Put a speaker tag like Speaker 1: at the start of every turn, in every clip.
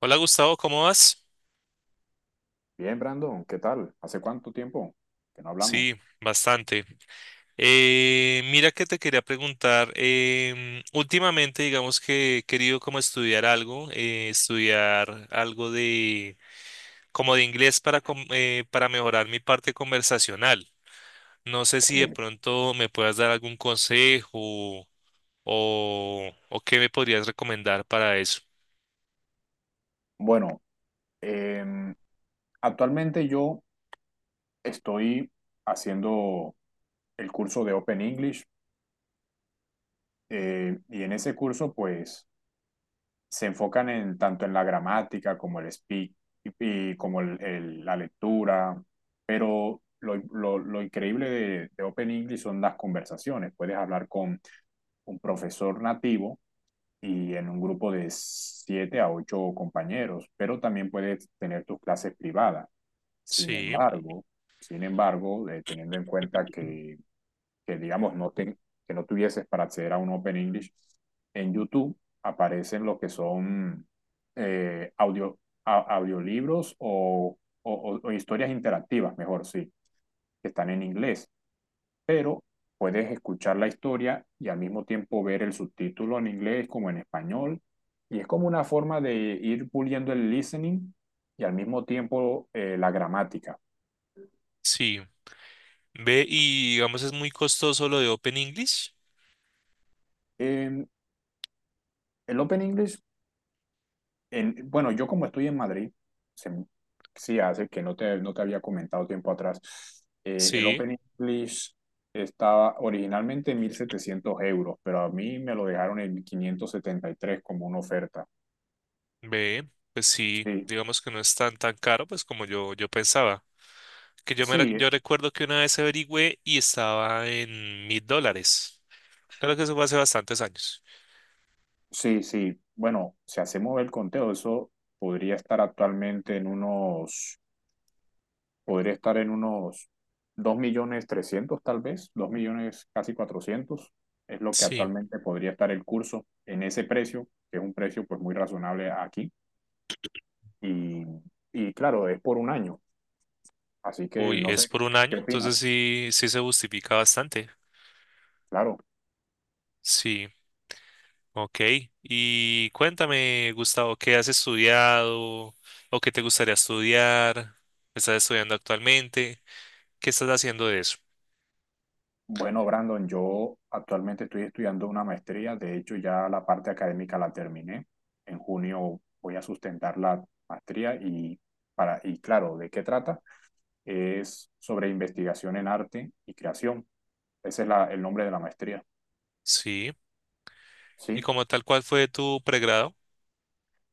Speaker 1: Hola Gustavo, ¿cómo vas?
Speaker 2: Bien, Brandon, ¿qué tal? ¿Hace cuánto tiempo que no hablamos?
Speaker 1: Sí, bastante. Mira que te quería preguntar, últimamente digamos que he querido como estudiar algo de como de inglés para mejorar mi parte conversacional. No sé
Speaker 2: Ok.
Speaker 1: si de pronto me puedas dar algún consejo o qué me podrías recomendar para eso.
Speaker 2: Bueno, em, actualmente yo estoy haciendo el curso de Open English. Y en ese curso pues se enfocan en tanto en la gramática como el speak y, y como la lectura, pero lo increíble de Open English son las conversaciones. Puedes hablar con un profesor nativo y en un grupo de siete a ocho compañeros, pero también puedes tener tus clases privadas. Sin
Speaker 1: Sí,
Speaker 2: embargo, sin embargo, teniendo en cuenta que digamos, que no tuvieses para acceder a un Open English, en YouTube aparecen lo que son eh, audio, audiolibros o historias interactivas, mejor sí, que están en inglés, pero puedes escuchar la historia y al mismo tiempo ver el subtítulo en inglés como en español. Y es como una forma de ir puliendo el listening y al mismo tiempo la gramática.
Speaker 1: sí. Ve, y digamos es muy costoso lo de Open English.
Speaker 2: En el Open English, bueno, yo como estoy en Madrid, se, sí hace que no te había comentado tiempo atrás, el
Speaker 1: Sí.
Speaker 2: Open English estaba originalmente en 1.700 euros, pero a mí me lo dejaron en 573 como una oferta.
Speaker 1: Ve, pues sí,
Speaker 2: Sí,
Speaker 1: digamos que no es tan tan caro, pues como yo pensaba. Que yo me re-
Speaker 2: sí.
Speaker 1: yo recuerdo que una vez averigüé y estaba en $1,000. Claro que eso fue hace bastantes años.
Speaker 2: Sí, sí. Bueno, si hacemos el conteo, eso podría estar actualmente podría estar en unos 2.300.000 tal vez, 2.000.000 casi 400 es lo que
Speaker 1: Sí.
Speaker 2: actualmente podría estar el curso en ese precio, que es un precio pues muy razonable aquí. Y, y claro, es por un año, así que
Speaker 1: Uy,
Speaker 2: no
Speaker 1: es
Speaker 2: sé,
Speaker 1: por un
Speaker 2: ¿qué
Speaker 1: año, entonces
Speaker 2: opinas?
Speaker 1: sí, sí se justifica bastante.
Speaker 2: Claro.
Speaker 1: Sí, ok. Y cuéntame, Gustavo, ¿qué has estudiado o qué te gustaría estudiar? ¿Estás estudiando actualmente? ¿Qué estás haciendo de eso?
Speaker 2: Bueno, Brandon, yo actualmente estoy estudiando una maestría, de hecho ya la parte académica la terminé. En junio voy a sustentar la maestría y, para, y claro, ¿de qué trata? Es sobre investigación en arte y creación. Ese es el nombre de la maestría.
Speaker 1: Sí. ¿Y
Speaker 2: Sí,
Speaker 1: como tal, cuál fue tu pregrado?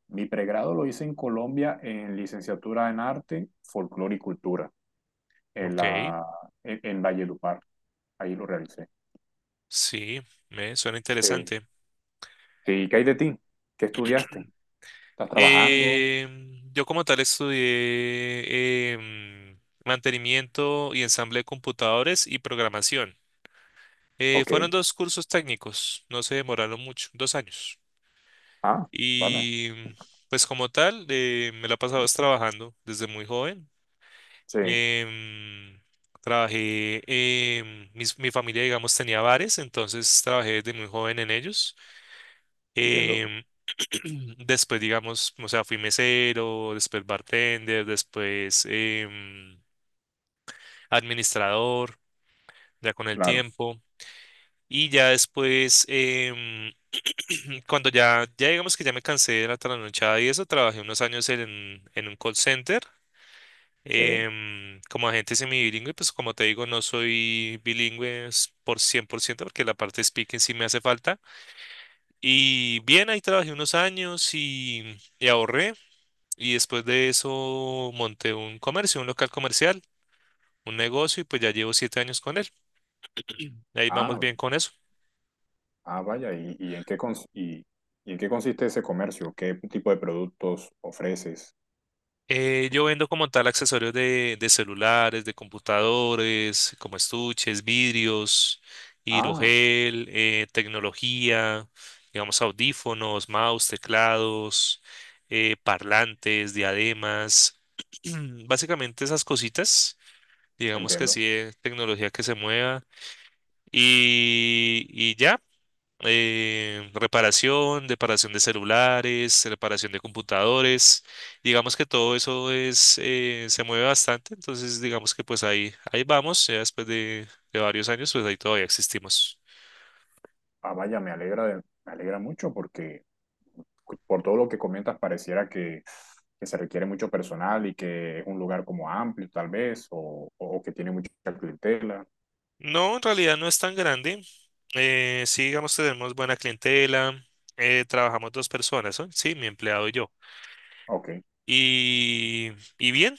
Speaker 2: mi pregrado lo hice en Colombia en licenciatura en arte, folclore y cultura, en
Speaker 1: Ok,
Speaker 2: la, en Valledupar. Ahí lo realicé.
Speaker 1: sí, me suena
Speaker 2: Sí.
Speaker 1: interesante.
Speaker 2: Sí, ¿qué hay de ti? ¿Qué estudiaste? ¿Estás trabajando?
Speaker 1: Yo como tal estudié mantenimiento y ensamble de computadores y programación.
Speaker 2: Ok.
Speaker 1: Fueron dos cursos técnicos, no se demoraron mucho, 2 años.
Speaker 2: Ah, vale.
Speaker 1: Y pues como tal, me la he pasado es trabajando desde muy joven.
Speaker 2: Sí,
Speaker 1: Em, Trabajé, mi familia, digamos, tenía bares, entonces trabajé desde muy joven en ellos.
Speaker 2: entiendo.
Speaker 1: Em, después, digamos, o sea, fui mesero, después bartender, después administrador, ya con el
Speaker 2: Claro.
Speaker 1: tiempo. Y ya después, cuando ya digamos que ya me cansé de la trasnochada y eso, trabajé unos años en un call center.
Speaker 2: Sí.
Speaker 1: Como agente semibilingüe, pues como te digo, no soy bilingüe por 100% porque la parte de speaking sí me hace falta. Y bien, ahí trabajé unos años y ahorré. Y después de eso monté un comercio, un local comercial, un negocio y pues ya llevo 7 años con él. Ahí vamos
Speaker 2: Ah,
Speaker 1: bien con eso.
Speaker 2: ah, vaya. ¿Y en qué consiste ese comercio? ¿Qué tipo de productos ofreces?
Speaker 1: Yo vendo como tal accesorios de celulares, de computadores, como estuches, vidrios,
Speaker 2: Ah,
Speaker 1: hidrogel, tecnología, digamos audífonos, mouse, teclados, parlantes, diademas, básicamente esas cositas, digamos que sí,
Speaker 2: entiendo.
Speaker 1: tecnología que se mueva y ya reparación, reparación de celulares, reparación de computadores. Digamos que todo eso se mueve bastante, entonces digamos que pues ahí vamos, ya después de varios años, pues ahí todavía existimos.
Speaker 2: Ah, vaya, me alegra mucho porque por todo lo que comentas pareciera que se requiere mucho personal y que es un lugar como amplio tal vez, o que tiene mucha clientela.
Speaker 1: No, en realidad no es tan grande. Sí, digamos, tenemos buena clientela. Trabajamos dos personas, ¿no? Sí, mi empleado y yo.
Speaker 2: Ok,
Speaker 1: Y, y bien,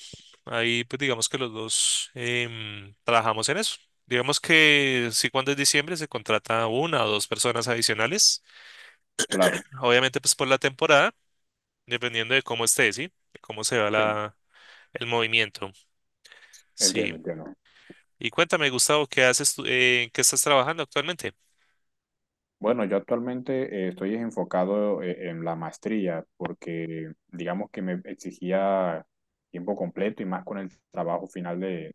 Speaker 1: ahí pues digamos que los dos trabajamos en eso. Digamos que sí, cuando es diciembre se contrata una o dos personas adicionales,
Speaker 2: claro.
Speaker 1: obviamente pues por la temporada, dependiendo de cómo esté, ¿sí? De cómo se va
Speaker 2: Sí,
Speaker 1: el movimiento, sí.
Speaker 2: entiendo, entiendo.
Speaker 1: Y cuéntame, Gustavo, ¿qué haces tú, en qué estás trabajando actualmente?
Speaker 2: Bueno, yo actualmente estoy enfocado en la maestría porque digamos que me exigía tiempo completo y más con el trabajo final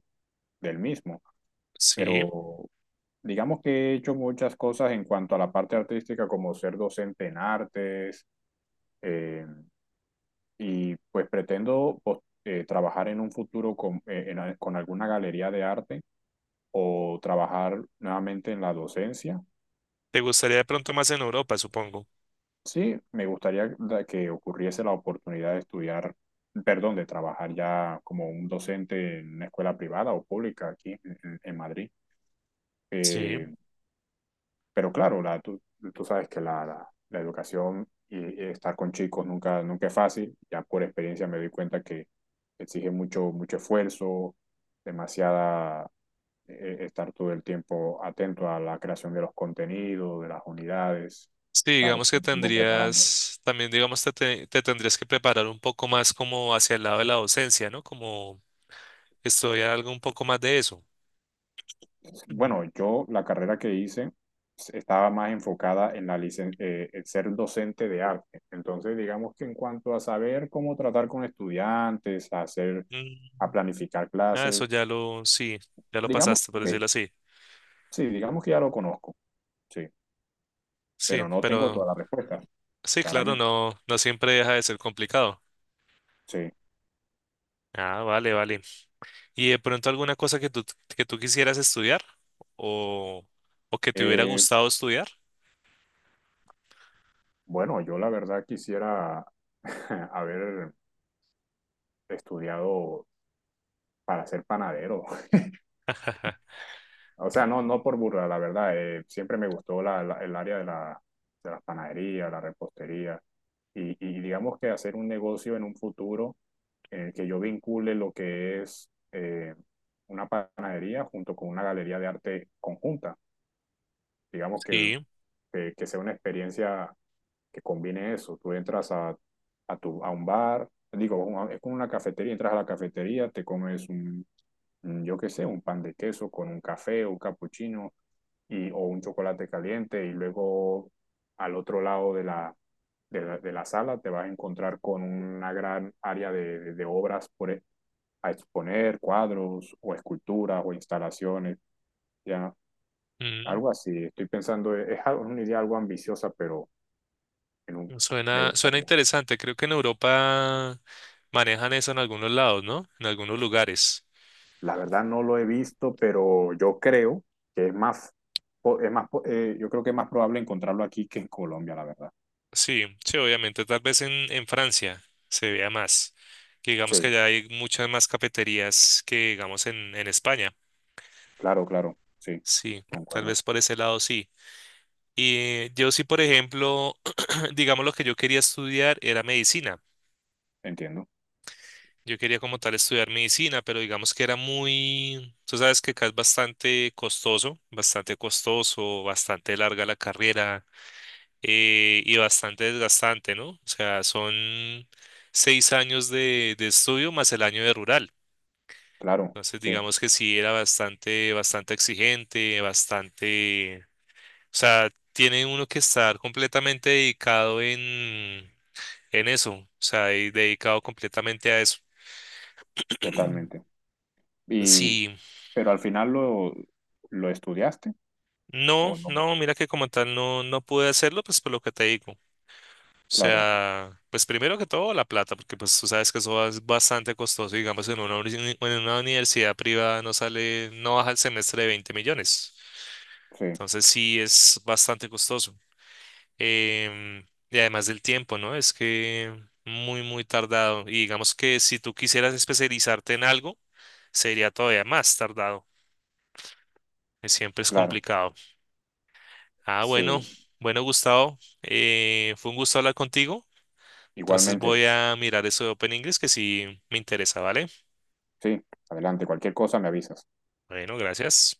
Speaker 2: del mismo.
Speaker 1: Sí,
Speaker 2: Pero digamos que he hecho muchas cosas en cuanto a la parte artística como ser docente en artes eh, y pues trabajar en un futuro con alguna galería de arte o trabajar nuevamente en la docencia.
Speaker 1: te gustaría de pronto más en Europa, supongo.
Speaker 2: Sí, que ocurriese la oportunidad de estudiar, perdón, de trabajar ya como un docente en una escuela privada o pública aquí en Madrid.
Speaker 1: Sí.
Speaker 2: Eh, pero claro, tú, tú sabes que la educación y estar con chicos nunca es fácil. Ya por experiencia me doy cuenta que exige mucho esfuerzo, demasiada estar todo el tiempo atento a la creación de los contenidos, de las unidades,
Speaker 1: Sí,
Speaker 2: estar
Speaker 1: digamos que
Speaker 2: todo el tiempo preparando.
Speaker 1: tendrías, también digamos te tendrías que preparar un poco más como hacia el lado de la docencia, ¿no? Como estudiar algo un poco más de eso. Ujú.
Speaker 2: Bueno, yo la carrera que hice estaba más enfocada en en ser docente de arte. Entonces, digamos que en cuanto a saber cómo tratar con estudiantes, a hacer,
Speaker 1: Mm,
Speaker 2: a planificar
Speaker 1: ah, eso
Speaker 2: clases,
Speaker 1: ya lo, sí, ya lo
Speaker 2: digamos
Speaker 1: pasaste, por decirlo
Speaker 2: que
Speaker 1: así.
Speaker 2: sí, digamos que ya lo conozco, sí,
Speaker 1: Sí,
Speaker 2: pero no tengo
Speaker 1: pero
Speaker 2: todas las respuestas,
Speaker 1: sí, claro,
Speaker 2: claramente,
Speaker 1: no, no siempre deja de ser complicado.
Speaker 2: sí.
Speaker 1: Ah, vale, vale. ¿Y de pronto alguna cosa que tú, quisieras estudiar o, o que te hubiera
Speaker 2: Eh,
Speaker 1: gustado estudiar?
Speaker 2: bueno, yo la verdad quisiera haber estudiado para ser panadero.
Speaker 1: Ajá,
Speaker 2: O sea, no, no por burla, la verdad. Siempre me gustó el área de la panadería, la repostería. Y digamos que hacer un negocio en un futuro en el que yo vincule lo que es una panadería junto con una galería de arte conjunta. Digamos que,
Speaker 1: sí.
Speaker 2: que sea una experiencia que combine eso. Tú entras a un bar, digo, es como una cafetería, entras a la cafetería, te comes yo qué sé, un pan de queso con un café, un capuchino y, o un chocolate caliente y luego al otro lado de la sala te vas a encontrar con una gran área de obras por, a exponer, cuadros o esculturas o instalaciones, ya
Speaker 1: Mm.
Speaker 2: algo así. Estoy pensando, es una idea algo ambiciosa, pero en un- me
Speaker 1: Suena
Speaker 2: gustaría.
Speaker 1: interesante. Creo que en Europa manejan eso en algunos lados, ¿no? En algunos lugares.
Speaker 2: La verdad no lo he visto, pero yo creo que es yo creo que es más probable encontrarlo aquí que en Colombia, la verdad.
Speaker 1: Sí, sí, obviamente. Tal vez en Francia se vea más. Que digamos que
Speaker 2: Sí,
Speaker 1: allá hay muchas más cafeterías que, digamos, en España.
Speaker 2: claro, claro, sí,
Speaker 1: Sí, tal
Speaker 2: concuerdo,
Speaker 1: vez por ese lado sí. Y yo sí, por ejemplo, digamos lo que yo quería estudiar era medicina.
Speaker 2: entiendo.
Speaker 1: Yo quería como tal estudiar medicina, pero digamos que era muy, tú sabes que acá es bastante costoso, bastante costoso, bastante larga la carrera y bastante desgastante, ¿no? O sea, son 6 años de estudio más el año de rural.
Speaker 2: Claro,
Speaker 1: Entonces,
Speaker 2: sí,
Speaker 1: digamos que sí era bastante, bastante exigente, bastante, o sea, tiene uno que estar completamente dedicado en eso, o sea, y dedicado completamente a eso.
Speaker 2: totalmente. Y,
Speaker 1: Sí,
Speaker 2: pero al final lo estudiaste
Speaker 1: no,
Speaker 2: o no?
Speaker 1: no, mira que como tal no pude hacerlo, pues por lo que te digo. O
Speaker 2: Claro,
Speaker 1: sea, pues primero que todo la plata, porque pues tú sabes que eso es bastante costoso. Digamos, en una universidad privada no sale, no baja el semestre de 20 millones.
Speaker 2: sí,
Speaker 1: Entonces sí es bastante costoso. Em, y además del tiempo, ¿no? Es que muy, muy tardado. Y digamos que si tú quisieras especializarte en algo, sería todavía más tardado. Que siempre es
Speaker 2: claro,
Speaker 1: complicado. Ah, bueno,
Speaker 2: sí.
Speaker 1: bueno, Gustavo, fue un gusto hablar contigo. Entonces
Speaker 2: Igualmente,
Speaker 1: voy a mirar eso de Open English que sí me interesa, ¿vale?
Speaker 2: sí, adelante, cualquier cosa me avisas.
Speaker 1: Bueno, gracias.